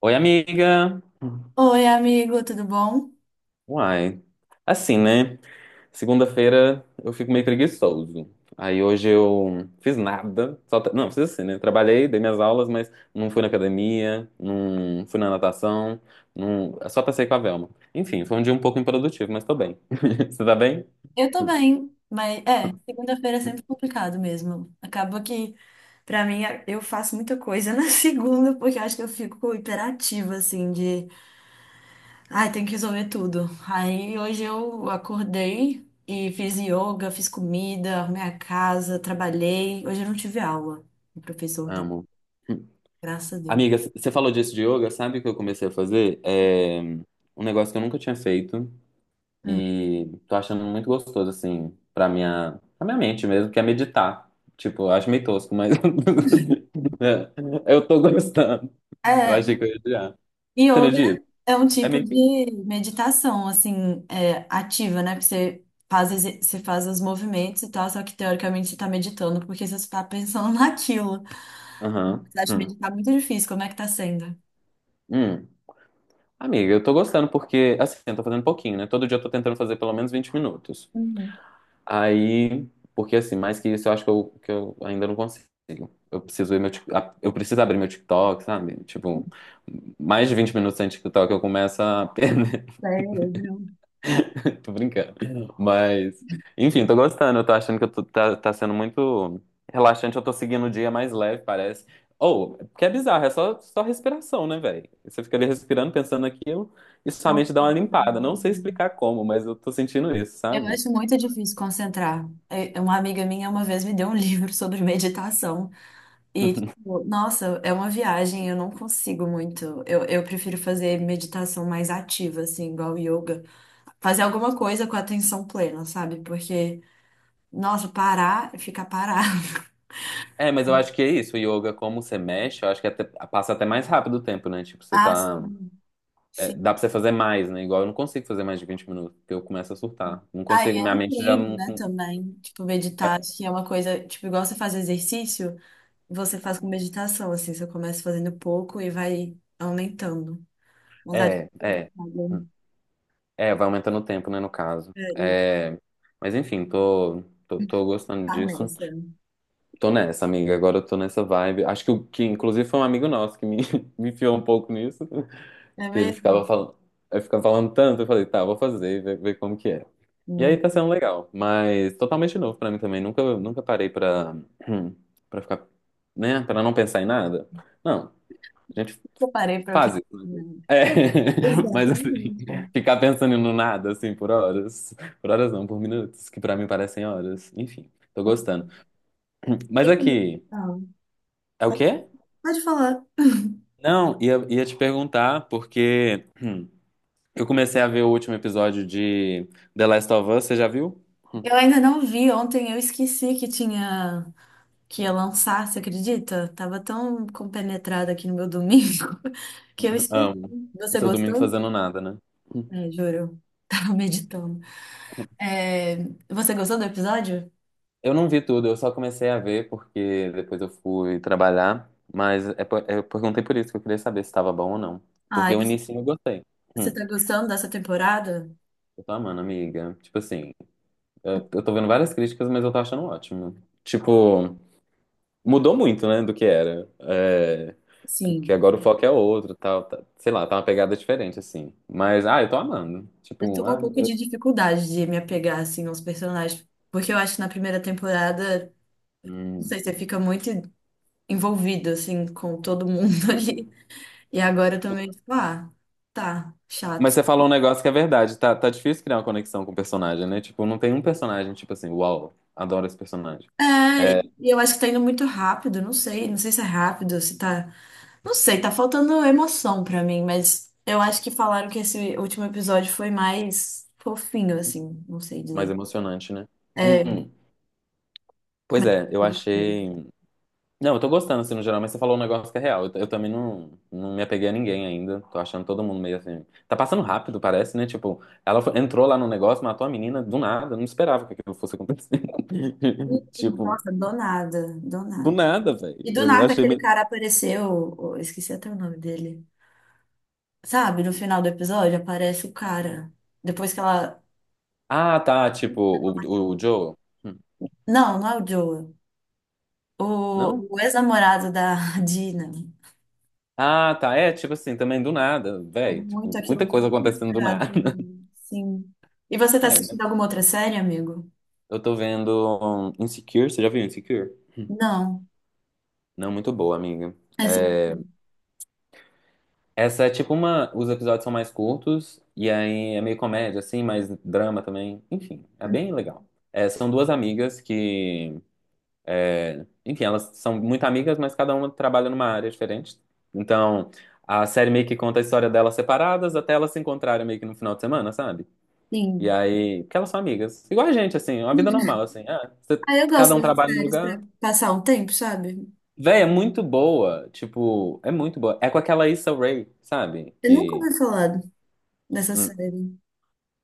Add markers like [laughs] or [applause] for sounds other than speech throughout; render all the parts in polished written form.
Oi, amiga. Oi, amigo, tudo bom? Uai. Assim, né? Segunda-feira eu fico meio preguiçoso. Aí hoje eu fiz nada. Não, fiz assim, né? Trabalhei, dei minhas aulas, mas não fui na academia, não fui na natação, não... só passei com a Velma. Enfim, foi um dia um pouco improdutivo, mas tô bem. [laughs] Você tá bem? Eu tô bem, mas segunda-feira é sempre complicado mesmo. Acaba que, pra mim, eu faço muita coisa na [laughs] segunda, porque eu acho que eu fico hiperativa, ai, tem que resolver tudo. Aí hoje eu acordei e fiz yoga, fiz comida, arrumei a casa, trabalhei. Hoje eu não tive aula. O professor tá, Amo. graças a Amiga, Deus. você falou disso de yoga, sabe o que eu comecei a fazer? É um negócio que eu nunca tinha feito. Hum. E tô achando muito gostoso, assim, pra minha mente mesmo, que é meditar. Tipo, eu acho meio tosco, mas [laughs] é, eu tô gostando. Eu É, achei que eu ia odiar. Você Yoga medita? é um É tipo meio que. de meditação, ativa, né? Porque você faz, você faz os movimentos e tal, só que teoricamente você tá meditando, porque você está pensando [laughs] naquilo. Aham. Você acha Hum. meditar muito difícil, como é que tá sendo? Hum. Amiga, eu tô gostando porque, assim, eu tô fazendo pouquinho, né? Todo dia eu tô tentando fazer pelo menos 20 minutos. Uhum. Aí, porque assim, mais que isso, eu acho que eu ainda não consigo. Eu preciso ir meu, eu preciso abrir meu TikTok, sabe? Tipo, mais de 20 minutos sem TikTok eu começo a [laughs] perder. Cérebro. Tô brincando. Mas, enfim, tô gostando. Eu tô achando que tá sendo muito relaxante. Eu tô seguindo o dia mais leve, parece. Ou, que é bizarro, é só respiração, né, velho? Você fica ali respirando, pensando naquilo, e É sua um mente dá uma limpada. Não sei caso. explicar como, mas eu tô sentindo isso, Eu sabe? acho muito difícil concentrar. Uma amiga minha uma vez me deu um livro [laughs] sobre meditação e, [laughs] tipo, nossa, é uma viagem, eu não consigo muito. Eu prefiro fazer meditação mais ativa, assim, igual yoga. Fazer alguma coisa com a atenção plena, sabe? Porque, nossa, parar, ficar parado. É, mas eu acho que é [laughs] isso. O yoga, como você mexe, eu acho que passa até mais rápido o tempo, né? Tipo, você Ah, tá. sim, É, sim. dá pra você fazer mais, né? Igual eu não consigo fazer mais de 20 minutos, porque eu começo a surtar. Não Aí consigo, é minha um mente já treino, não. né, também. Tipo, meditar, acho que é uma coisa, tipo, igual você faz exercício, você faz com meditação, assim, você começa fazendo pouco e vai aumentando. Mas acho que É, é. tudo, É. sabe? É, vai aumentando o tempo, né, no caso. É, e É, mas enfim, tô gostando tá disso. nessa, né? Tô nessa, amiga. Agora eu tô nessa vibe. Acho que, o que inclusive foi um amigo nosso que me, [laughs] me enfiou um pouco nisso. É Que ele ficava mesmo? falando, eu ficava falando tanto, eu falei, tá, vou fazer, e ver como que é. E aí tá Hum. sendo legal, mas totalmente novo pra mim também. Nunca parei pra, [clears throat] pra ficar, né, pra não pensar em nada. Não, a gente Eu parei pra pensar, Fases. Né? né? É, [laughs] mas assim, Exatamente. ficar pensando no nada, assim, por horas. Por horas não, por minutos, que pra mim parecem horas. Enfim, tô gostando. Mas E como... aqui, Ah, é o pode quê? pode falar. Não, ia te perguntar, porque eu comecei a ver o último episódio de The Last of Us, você já viu? Eu ainda não vi, ontem eu esqueci que tinha, que ia lançar, você acredita? Tava tão compenetrada aqui no meu domingo [laughs] que eu esqueci. Amo. O Você seu domingo gostou? fazendo nada, né? É, juro. [laughs] Tava meditando. É, você gostou do episódio? Eu não vi tudo, eu só comecei a ver porque depois eu fui trabalhar, mas eu perguntei por isso que eu queria saber se estava bom ou não. Ah, Porque e o você, início eu gostei. você Hum. tá gostando dessa temporada? Eu tô amando, amiga. Tipo assim, eu tô vendo várias críticas, mas eu tô achando ótimo. Tipo, mudou muito, né, do que era. É, que Sim. agora o foco é outro, tal, tá, sei lá, tá uma pegada diferente, assim. Mas, ah, eu tô amando. Eu tô Tipo, com um ah, pouco eu- de dificuldade de me apegar, assim, aos personagens. Porque eu acho que na primeira temporada, não hum. sei, você fica muito envolvido, assim, com todo mundo [laughs] ali. E agora eu tô meio tipo, ah, tá, chato. Mas você falou um negócio que é verdade, tá difícil criar uma conexão com o personagem, né? Tipo, não tem um personagem, tipo assim, uau, adoro esse personagem. É, É e eu acho que tá indo muito rápido, não sei, não sei se é rápido, se tá. Não sei, tá faltando emoção pra mim, mas eu acho que falaram que esse último episódio foi mais fofinho, assim, não sei mais dizer. emocionante, né? Hum, É, hum. Pois é, eu ele foi- achei. Não, eu tô gostando, assim, no geral, mas você falou um negócio que é real. Eu também não me apeguei a ninguém ainda. Tô achando todo mundo meio assim. Tá passando rápido, parece, né? Tipo, entrou lá no negócio, matou a menina do nada. Eu não esperava que aquilo fosse acontecer. [laughs] Tipo, nossa, do nada, do do nada. nada, velho. E do Eu nada achei aquele meio. cara apareceu, eu esqueci até o nome dele. Sabe, no final do episódio aparece o cara. Depois que ela. Ah, tá. Tipo, o Joe. Hum, Não, não é o Joel. Não? O, o ex-namorado da [laughs] Dina. Ah, tá. É, tipo assim, também do nada, Foi velho. muito Tipo, muita aquilo que eu coisa não tinha acontecendo do esperado nada. pra [laughs] mim. Sim. E você tá É, né? assistindo alguma outra série, amigo? Eu tô vendo um, Insecure. Você já viu Insecure? Não. Não, muito boa, amiga. É sobre tudo. Essa é tipo uma. Os episódios são mais curtos, e aí é meio comédia, assim, mais drama também. Enfim, é bem legal. É, são duas amigas que. Enfim, elas são muito amigas, mas cada uma trabalha numa área diferente. Então, a série meio que conta a história delas separadas até elas se encontrarem meio que no final de semana, sabe? E Sim. aí. Porque elas são amigas. Igual a gente, assim, uma vida normal, assim. Ah, você- Ah, eu gosto cada um dessas trabalha num séries pra lugar. passar um tempo, sabe? Véi, é muito boa. Tipo, é muito boa. É com aquela Issa Rae, sabe? Eu nunca Que. ouvi falar dessa Hum. série.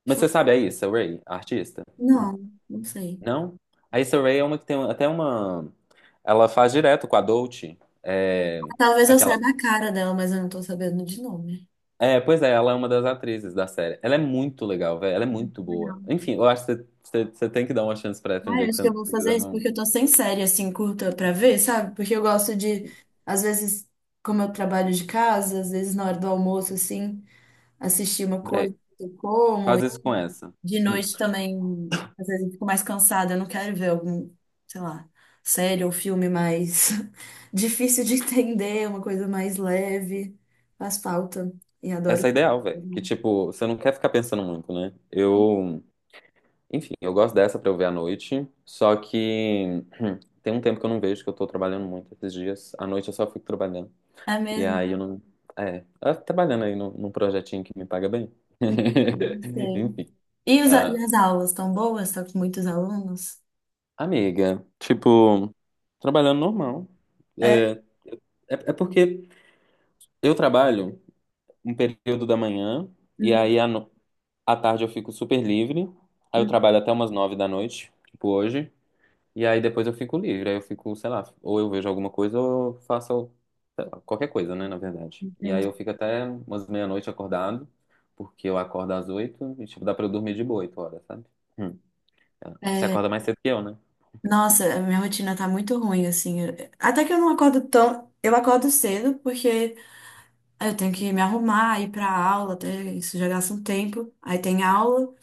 Mas Deixa eu- você sabe a Issa Rae, a artista? Hum. Não, não sei. Não? A Issa Rae é uma que tem até uma. Ela faz direto com a Dolce. É... Ah, talvez eu Aquela. saiba a cara dela, mas eu não tô sabendo de nome. É, pois é, ela é uma das atrizes da série. Ela é muito legal, velho. Ela é muito boa. Legal. Enfim, eu acho que você tem que dar uma chance pra ela um Ah, dia eu que acho você, que eu vou você quiser. fazer isso Não. porque eu tô sem série assim curta pra ver, sabe? Porque eu gosto de, às vezes, como eu trabalho de casa, às vezes na hora do almoço, assim, assistir uma coisa Véi, que eu como. faz isso com essa. De Hum. noite também, às vezes eu fico mais cansada, eu não quero ver algum, sei lá, série ou filme mais [laughs] difícil de entender, uma coisa mais leve. Faz falta. E Essa adoro. é ideal, velho. Que tipo, você não quer ficar pensando muito, né? Eu. Enfim, eu gosto dessa pra eu ver à noite. Só que. [clears throat] Tem um tempo que eu não vejo, que eu tô trabalhando muito esses dias. À noite eu só fico trabalhando. É E mesmo? aí eu não. É, eu tô trabalhando aí num projetinho que me paga bem. Entendi, não [laughs] sei. Enfim. E, e Ah, as aulas estão boas? Estão com muitos alunos? amiga, tipo, trabalhando normal. É. É, é, porque eu trabalho um período da manhã, e Uhum, aí à, no- à tarde eu fico super livre. Aí eu uhum, trabalho até umas 9 da noite, tipo hoje. E aí depois eu fico livre, aí eu fico, sei lá, ou eu vejo alguma coisa ou eu faço, sei lá, qualquer coisa, né, na verdade. E aí eu entendi. fico até umas meia-noite acordado, porque eu acordo às 8 e, tipo, dá pra eu dormir de boa 8 horas, sabe? Hum. Você É, acorda mais cedo que eu, né? nossa, a minha rotina tá muito ruim, assim. Até que eu não acordo tão. Eu acordo cedo, porque aí eu tenho que me arrumar, ir pra aula, até isso já gasta um tempo. Aí tem aula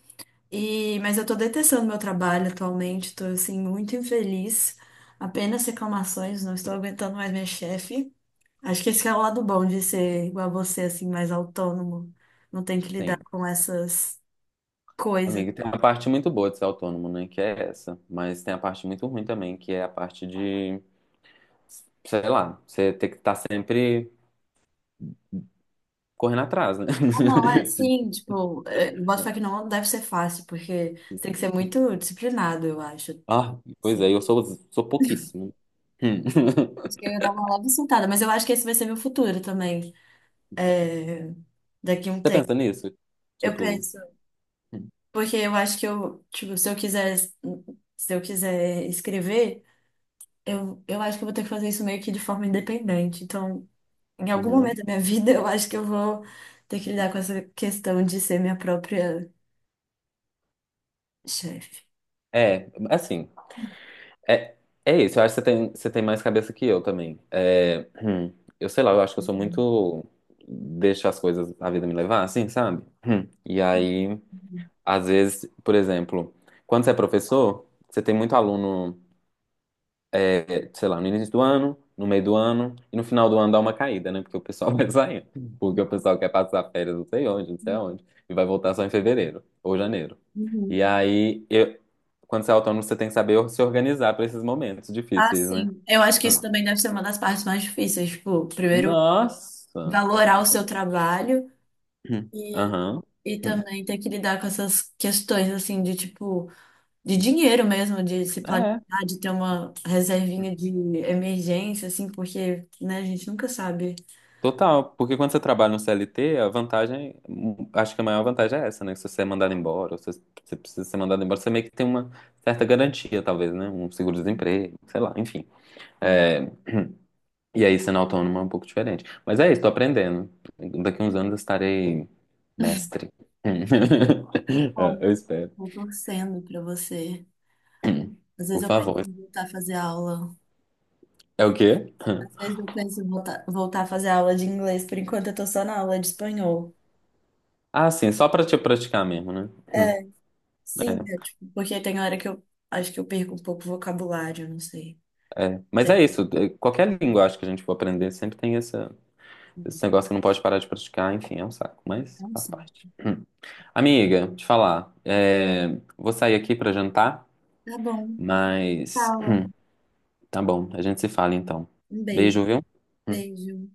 e mas eu tô detestando meu trabalho atualmente, tô assim muito infeliz. Apenas reclamações, não estou aguentando mais minha chefe. Acho que esse é o lado bom de ser igual a você, assim, mais autônomo. Não tem que lidar Sim. com essas coisas. Amigo, tem uma parte muito boa de ser autônomo, né, que é essa. Mas tem a parte muito ruim também, que é a parte de, sei lá, você ter que estar sempre correndo atrás, né? Ah, não, é [laughs] Tipo, sim, tipo, é, boto fé que não deve ser fácil, porque você tem que ser muito disciplinado, eu acho. ah, pois Sim. é, sou pouquíssimo. Hum. Acho que eu ia dar uma leve surtada, mas eu acho que esse vai ser meu futuro também, é, daqui a um Você tempo. pensa nisso? Eu Tipo, penso, porque eu acho que eu, tipo, se eu quiser, se eu quiser escrever, eu acho que eu vou ter que fazer isso meio que de forma independente. Então, em algum momento uhum. da minha [laughs] vida, eu acho que eu vou ter que lidar com essa questão de ser minha própria chefe. É, assim, é, é isso. Eu acho que você tem mais cabeça que eu também. É, eu sei lá, eu acho que eu sou muito. Deixo as coisas, a vida me levar, assim, sabe? Hum. E aí, às vezes, por exemplo, quando você é professor, você tem muito aluno. É, sei lá, no início do ano, no meio do ano e no final do ano dá uma caída, né? Porque o pessoal [laughs] vai saindo. Porque o pessoal quer passar férias não sei onde, não sei aonde, e vai voltar só em fevereiro ou janeiro. Uhum. E aí, eu- quando você é autônomo, você tem que saber se organizar para esses momentos Ah, difíceis, né? sim. Eu acho que isso Hum. também deve ser uma das partes mais difíceis. Tipo, primeiro, Nossa! valorar o seu trabalho Hum. e, Aham. e Hum. também ter que lidar com essas questões, assim, de tipo, de dinheiro mesmo, de se planejar, É. de ter uma reservinha de emergência, assim, porque, né, a gente nunca sabe Total, porque quando você trabalha no CLT, a vantagem, acho que a maior vantagem é essa, né? Se você é mandado embora, ou se você precisa ser mandado embora, você meio que tem uma certa garantia, talvez, né? Um seguro-desemprego, sei lá, enfim. o É, e aí, sendo autônomo é um pouco diferente. Mas é isso, tô aprendendo. Daqui uns anos eu estarei mestre. [laughs] É, eu quão espero. estou torcendo para você. Às vezes Por eu penso favor. em voltar a fazer aula. É o quê? Às vezes eu penso em voltar a fazer aula de inglês. Por enquanto eu tô só na aula de espanhol. Ah, sim, só pra te praticar mesmo, né? É, sim, é, É. tipo, porque tem hora que eu acho que eu perco um pouco o vocabulário, não sei. Mas é Tem- isso, é, qualquer língua acho que a gente for aprender sempre tem essa. Esse negócio que não pode parar de praticar, enfim, é um saco, mas É um faz sim. parte. Hum. Amiga, te falar, é, vou sair aqui pra jantar, Tá bom. mas Fala. Tá bom, a gente se fala então. Um beijo. Beijo, viu? Hum. Beijo.